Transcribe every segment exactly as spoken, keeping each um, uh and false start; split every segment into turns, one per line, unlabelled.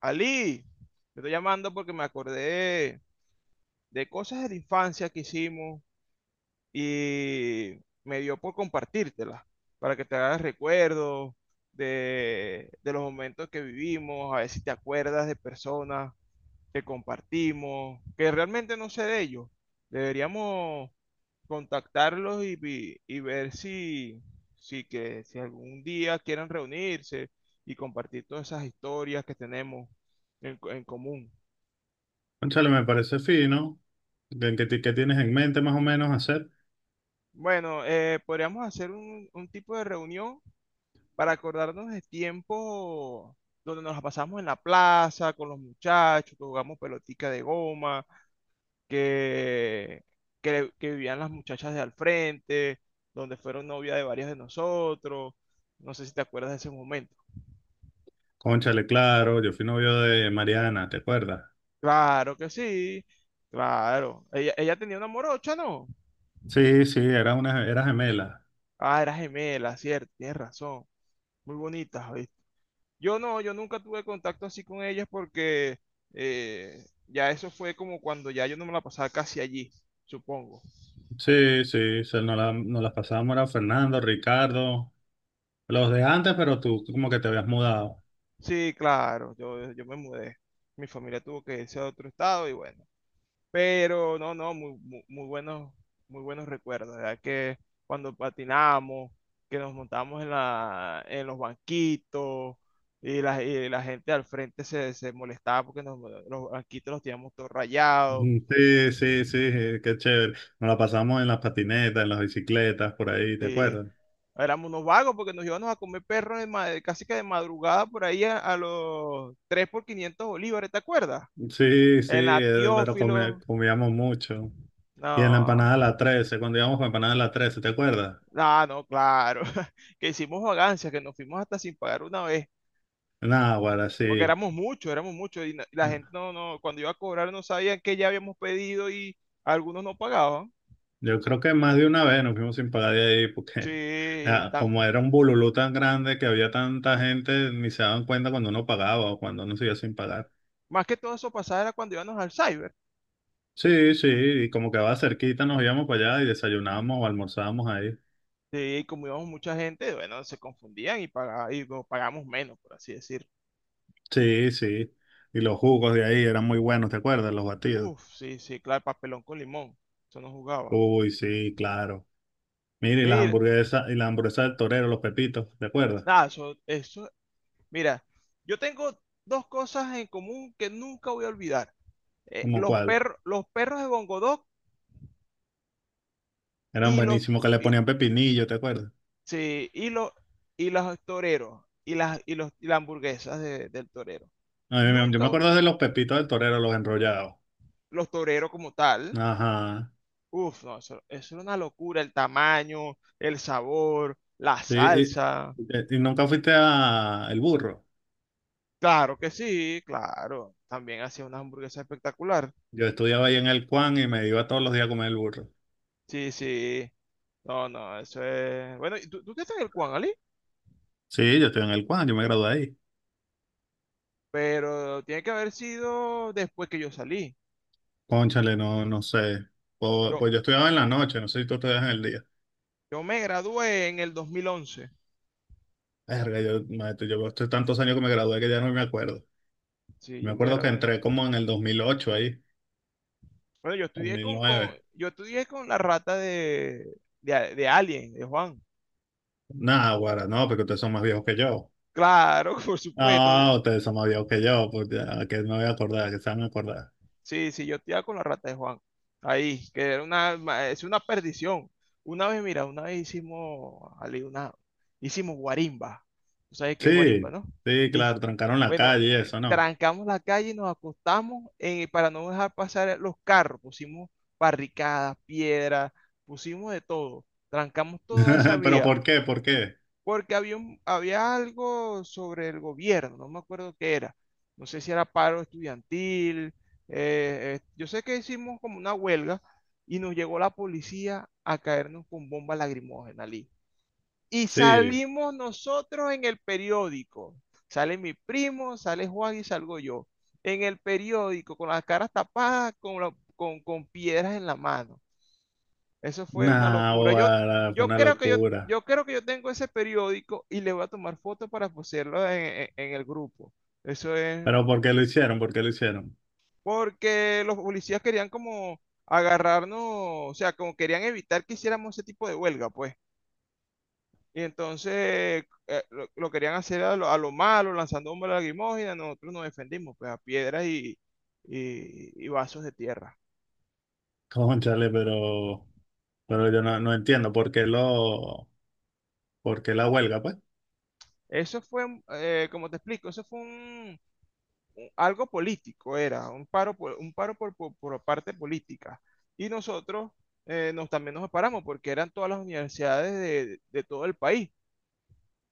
Ali, te estoy llamando porque me acordé de cosas de la infancia que hicimos y me dio por compartírtelas para que te hagas recuerdos de, de los momentos que vivimos, a ver si te acuerdas de personas que compartimos, que realmente no sé de ellos. Deberíamos contactarlos y, vi- y ver si, si, que, si algún día quieren reunirse y compartir todas esas historias que tenemos en co- en común.
Cónchale, me parece fino. ¿De ¿Qué, ti- qué tienes en mente más o menos hacer?
Bueno, eh, podríamos hacer un, un tipo de reunión para acordarnos de tiempo donde nos la pasamos en la plaza con los muchachos, que jugamos pelotica de goma, que, que, que vivían las muchachas de al frente, donde fueron novia de varios de nosotros. No sé si te acuerdas de ese momento.
Cónchale, claro, yo fui novio de Mariana, ¿te acuerdas?
Claro que sí, claro. Ella, ella tenía una morocha, ¿no?
Sí, sí, era una, era gemela.
Ah, era gemela, cierto, tienes razón. Muy bonita. Yo no, yo nunca tuve contacto así con ellas porque eh, ya eso fue como cuando ya yo no me la pasaba casi allí, supongo.
Sí, sí, se- nos, la- nos las pasábamos, era Fernando, Ricardo, los de antes, pero tú como que te habías mudado.
Sí, claro, yo, yo me mudé. Mi familia tuvo que irse a otro estado y bueno. Pero no, no, muy, muy, muy buenos, muy buenos recuerdos, ¿verdad? Que cuando patinamos, que nos montamos en la, en los banquitos y la, y la gente al frente se, se molestaba porque nos- los banquitos los teníamos todos rayados.
Mm, sí, sí, sí, eh, qué chévere. Nos la pasamos en las patinetas, en las bicicletas, por ahí, ¿te
Sí,
acuerdas?
éramos unos vagos porque nos íbamos a comer perros de casi que de madrugada por ahí a, a los tres por quinientos bolívares, ¿te acuerdas?
Sí, sí,
En la
eh, pero comi-
Teófilo.
comíamos mucho. Y en la empanada
No,
de la trece, cuando íbamos para empanada de la trece, ¿te acuerdas?
no, no, claro. Que hicimos vagancias, que nos fuimos hasta sin pagar una vez.
Náguara,
Porque
sí.
éramos muchos, éramos muchos. Y no- la gente no, no, cuando iba a cobrar no sabían que ya habíamos pedido y algunos no pagaban.
Yo creo que más de una vez nos fuimos sin pagar de ahí porque
Sí,
ah,
tam-
como era un bululú tan grande que había tanta gente, ni se daban cuenta cuando uno pagaba o cuando uno se iba sin pagar.
más que todo eso pasaba era cuando íbamos al cyber.
Sí, sí, y como quedaba cerquita, nos íbamos para allá y desayunábamos o almorzábamos ahí.
Sí, y como íbamos mucha gente, bueno, se confundían y, paga- y bueno, pagamos menos, por así decir.
Sí, sí. Y los jugos de ahí eran muy buenos, ¿te acuerdas? Los batidos.
Uf, sí, sí, claro, papelón con limón. Eso no jugaba.
Uy, sí, claro. Mira, y las
Mira,
hamburguesas, y las hamburguesas del torero, los pepitos, ¿te acuerdas?
nada, eso, eso, mira, yo tengo dos cosas en común que nunca voy a olvidar. Eh,
¿Cómo
los
cuál?
perros, los perros de Bongodog
Eran
y los,
buenísimos que le
y,
ponían pepinillo, ¿te acuerdas?
sí, y los, y los toreros, y las, y los, y las hamburguesas de- del torero.
A mí me- yo me
Nunca, voy-
acuerdo de los pepitos del torero, los enrollados.
los toreros como tal.
Ajá.
Uf, no, eso, eso era una locura, el tamaño, el sabor, la
Sí, y,
salsa.
y- y nunca fuiste a El Burro.
Claro que sí, claro. También hacía una hamburguesa espectacular.
Yo estudiaba ahí en el Cuan y me iba todos los días a comer el burro.
Sí, sí. No, no, eso es. Bueno, ¿y tú, tú estás en el Juan, Ali?
Sí, yo estoy en el Cuan, yo me gradué ahí.
Pero tiene que haber sido después que yo salí.
Cónchale, no, no sé. Po-
Yo,
Pues, yo estudiaba en la noche, no sé si tú estudias en el día.
yo me gradué en el dos mil once.
Verga, yo, maestro, yo estoy tantos años que me gradué que ya no me acuerdo.
Sí,
Me
yo me
acuerdo que
gradué.
entré como en el dos mil ocho ahí,
Bueno, yo
dos
estudié
mil
con, con,
nueve
yo estudié con la rata de, de, de Alien, de Juan.
Nada, guara, no, porque ustedes son más viejos que yo.
Claro, por supuesto.
Ah, ustedes son más viejos que yo, pues ya, que no voy a acordar, que se van a acordar.
Sí, sí, yo te con la rata de Juan. Ahí, que era una, ma- es una perdición. Una vez, mira, una vez hicimos, Ali, una, hicimos guarimba. Tú sabes qué es guarimba,
Sí,
¿no?
sí,
Y
claro, trancaron la
bueno,
calle y
eh,
eso, ¿no?
trancamos la calle y nos acostamos, eh, para no dejar pasar los carros. Pusimos barricadas, piedras, pusimos de todo. Trancamos toda esa
Pero
vía
¿por qué? ¿Por qué?
porque había, un- había algo sobre el gobierno, no me acuerdo qué era. No sé si era paro estudiantil. eh, eh, yo sé que hicimos como una huelga y nos llegó la policía a caernos con bomba lagrimógena, Lee. Y
Sí,
salimos nosotros en el periódico. Sale mi primo, sale Juan y salgo yo. En el periódico, con las caras tapadas, con, la- con, con piedras en la mano. Eso fue una
nah,
locura. Yo,
boda, fue
yo
una
creo que yo,
locura.
yo creo que yo tengo ese periódico y le voy a tomar fotos para poseerlo en, en- en el grupo. Eso es
Pero ¿por qué lo hicieron? ¿Por qué lo hicieron?
porque los policías querían como agarrarnos, o sea, como querían evitar que hiciéramos ese tipo de huelga, pues. Y entonces, eh, lo, lo querían hacer a lo, a lo malo, lanzando bombas lacrimógenas. Nosotros nos defendimos, pues, a piedras y, y- y vasos de tierra.
Cónchale, pero, pero yo no, no entiendo por qué lo, por qué la huelga, pues.
Eso fue, eh, como te explico, eso fue un, algo político, era un paro, por- un paro por, por- por parte política. Y nosotros, eh, nos, también nos paramos porque eran todas las universidades de, de todo el país.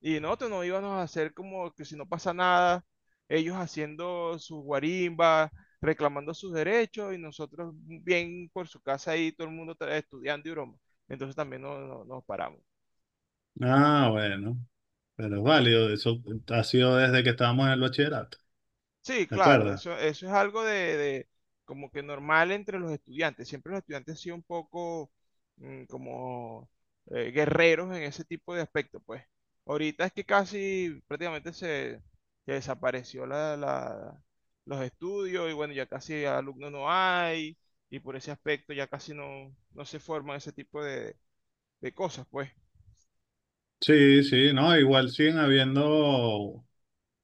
Y nosotros no íbamos a hacer como que si no pasa nada, ellos haciendo sus guarimbas, reclamando sus derechos y nosotros bien por su casa ahí, todo el mundo tra- estudiando y broma. Entonces también no- no- nos paramos.
Ah, bueno, pero es válido, eso ha sido desde que estábamos en el bachillerato,
Sí,
¿de
claro,
acuerdo?
eso, eso es algo de, de como que normal entre los estudiantes. Siempre los estudiantes han sido un poco, mm, como, eh, guerreros en ese tipo de aspecto, pues. Ahorita es que casi prácticamente se, se desapareció la, la- los estudios y bueno, ya casi alumnos no hay y por ese aspecto ya casi no, no se forman ese tipo de, de cosas, pues.
Sí, sí, no, igual siguen habiendo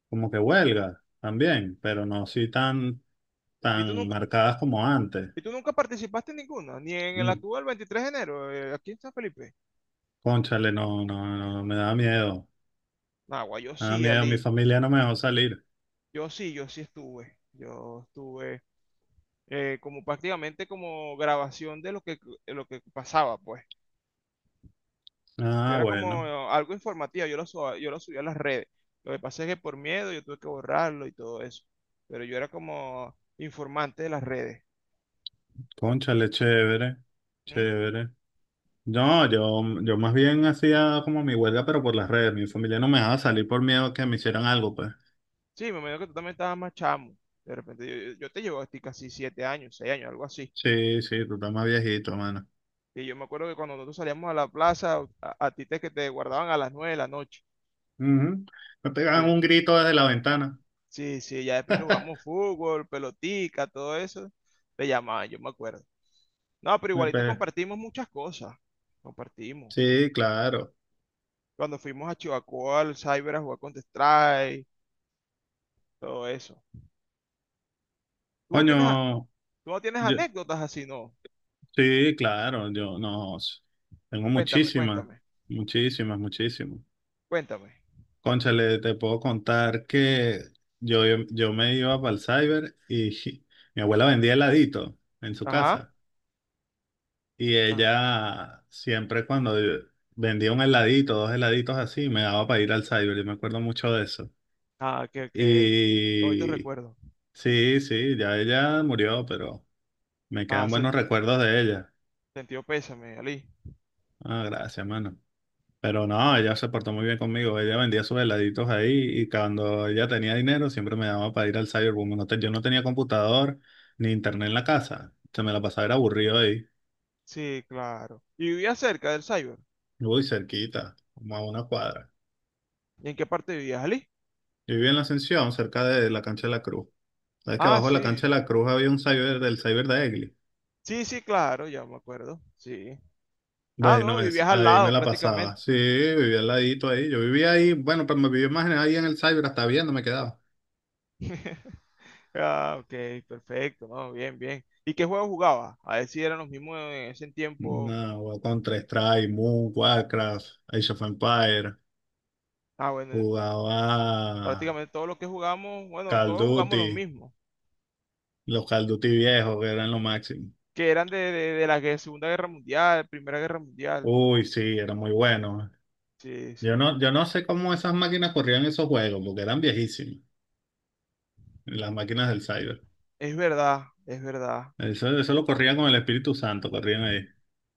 como que huelgas también, pero no así tan,
¿Y tú
tan
nunca,
marcadas como antes.
y tú nunca participaste en ninguna? Ni en el actual veintitrés de enero, eh, aquí en San Felipe.
Cónchale, no, no, no, no, me da miedo.
Nah, guay, yo
Me da
sí,
miedo, mi
Ali.
familia no me dejó salir.
Yo sí, yo sí estuve. Yo estuve, eh, como prácticamente como grabación de lo que, de lo que pasaba, pues. Yo
Ah,
era
bueno.
como algo informativo, yo lo, suba- yo lo subía a las redes. Lo que pasa es que por miedo yo tuve que borrarlo y todo eso. Pero yo era como informante de las redes.
Cónchale, chévere,
¿Mm?
chévere. No, yo, yo más bien hacía como mi huelga, pero por las redes. Mi familia no me dejaba salir por miedo a que me hicieran algo, pues.
Sí, me imagino que tú también estabas más chamo. De repente yo, yo- te llevo a ti casi siete años, seis años, algo así.
Sí, sí, tú estás más viejito, mano.
Y yo me acuerdo que cuando nosotros salíamos a la plaza, a, a ti te, que te guardaban a las nueve de la noche.
Ujú. Me pegaban
Sí.
un grito desde la ventana.
Sí, sí, ya después que jugamos fútbol, pelotica, todo eso, te llamaban, yo me acuerdo. No, pero
Me
igualito
pe-
compartimos muchas cosas. Compartimos.
Sí, claro.
Cuando fuimos a Chihuahua, al Cyber a jugar Counter-Strike, todo eso. ¿Tú no
Coño,
tienes, a- tú no tienes
yo-
anécdotas así, no?
sí, claro, yo no. s- Tengo
Cuéntame,
muchísimas,
cuéntame,
muchísimas, muchísimas.
cuéntame.
Cónchale, te puedo contar que yo, yo me iba para el cyber y mi abuela vendía heladito en su
Ajá.
casa. Y
Ah,
ella siempre cuando vendía un heladito, dos heladitos así, me daba para ir al cyber. Yo me acuerdo mucho de eso.
ah, que, que, que hoy te
Y
recuerdo.
sí, sí, ya ella murió, pero me
Ah,
quedan
sen-
buenos recuerdos de ella.
sentido pésame, Ali.
Ah, gracias, mano. Pero no, ella se portó muy bien conmigo. Ella vendía sus heladitos ahí y cuando ella tenía dinero siempre me daba para ir al Cyberboom. No te- yo no tenía computador ni internet en la casa. Se me la pasaba era aburrido ahí.
Sí, claro. ¿Y vivías cerca del Cyber?
Uy, cerquita, como a una cuadra.
¿Y en qué parte vivías, Ali?
Yo vivía en la Ascensión, cerca de la cancha de la Cruz. Sabes que
Ah,
abajo de la
sí.
cancha de la Cruz había un cyber del cyber de Egli.
Sí, sí, claro, ya me acuerdo. Sí. Ah, no,
Bueno, es,
vivías al
ahí me
lado
la pasaba.
prácticamente.
Sí, vivía al ladito ahí. Yo vivía ahí, bueno, pero me vivía más en- ahí en el cyber, hasta viendo me quedaba.
Ah, ok, perfecto, no, bien, bien. ¿Y qué juego jugabas? A ver si eran los mismos en ese tiempo.
No, Counter-Strike, Moon, Warcraft, Age of Empires.
Ah, bueno,
Jugaba
prácticamente todos los que jugamos, bueno,
Call
todos
of
jugamos los
Duty,
mismos,
los Call of Duty viejos, que eran lo máximo.
que eran de, de, de la gue- Segunda Guerra Mundial, Primera Guerra Mundial.
Uy, sí, era muy bueno.
Sí, sí,
Yo no, yo no sé cómo esas máquinas corrían esos juegos, porque eran viejísimos, las máquinas del cyber.
es verdad, es verdad.
Eso, eso lo corrían con el Espíritu Santo, corrían ahí.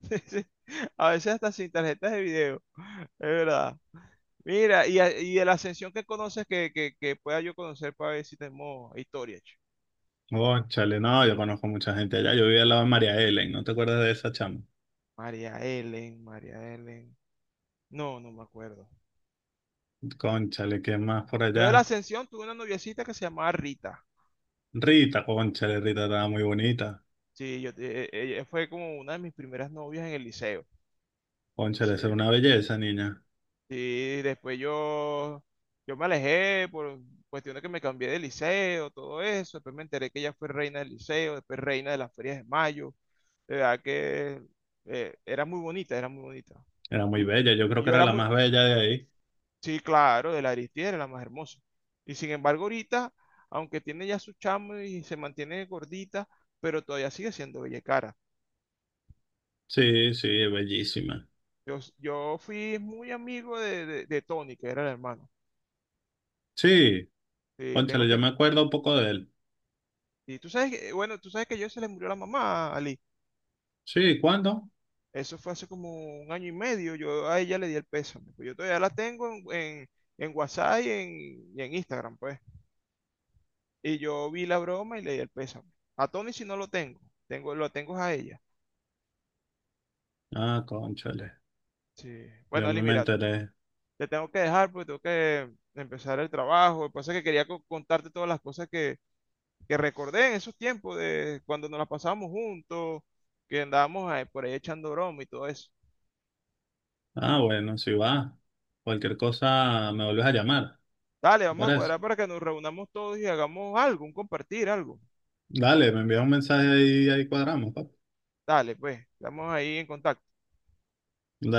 A veces hasta sin tarjetas de video, es verdad. Mira, y, a- y de la Ascensión que conoces que, que, que pueda yo conocer para ver si tenemos historia.
Cónchale, no, yo conozco mucha gente allá. Yo vivía al lado de María Helen, ¿no te acuerdas de esa chama?
María Ellen, María Ellen. No, no me acuerdo.
Cónchale, ¿qué más por
Yo de la
allá?
Ascensión tuve una noviecita que se llamaba Rita.
Rita, cónchale, Rita estaba muy bonita.
Sí, yo, eh, eh, ella fue como una de mis primeras novias en el liceo.
Cónchale,
Sí.
esa era una belleza, niña.
Sí, después yo, yo me alejé por cuestiones que me cambié de liceo, todo eso. Después me enteré que ella fue reina del liceo, después reina de las ferias de mayo. De verdad que, eh, era muy bonita, era muy bonita.
Era
Y,
muy bella, yo creo
y
que
yo
era
era
la
muy.
más bella de ahí.
Sí, claro, de la Aristide era la más hermosa. Y sin embargo, ahorita, aunque tiene ya su chamo y se mantiene gordita, pero todavía sigue siendo bella y cara.
Sí, sí, es bellísima.
Yo, s- yo fui muy amigo de, de, de Tony, que era el hermano.
Sí,
Sí, tengo
cónchale, yo
tiempo.
me acuerdo un poco de él.
Y tú sabes que, bueno, tú sabes que yo se le murió la mamá a Ali.
Sí, ¿cuándo?
Eso fue hace como un año y medio. Yo a ella le di el peso. Yo todavía la tengo en, en, en WhatsApp y en, y en Instagram, pues. Y yo vi la broma y le di el peso. A Tony si no lo tengo. Tengo, lo tengo es a ella.
Ah, cónchale,
Sí. Bueno,
yo
Ali,
no me
mira,
enteré.
te tengo que dejar porque tengo que empezar el trabajo. Lo que pasa es que quería co- contarte todas las cosas que, que recordé en esos tiempos de cuando nos las pasábamos juntos, que andábamos ahí por ahí echando broma y todo eso.
Ah, bueno, si va. Cualquier cosa me vuelves a llamar.
Dale, vamos a
Para eso.
cuadrar para que nos reunamos todos y hagamos algo, un compartir algo.
Dale, me envías un mensaje y ahí cuadramos, papá.
Dale, pues, estamos ahí en contacto.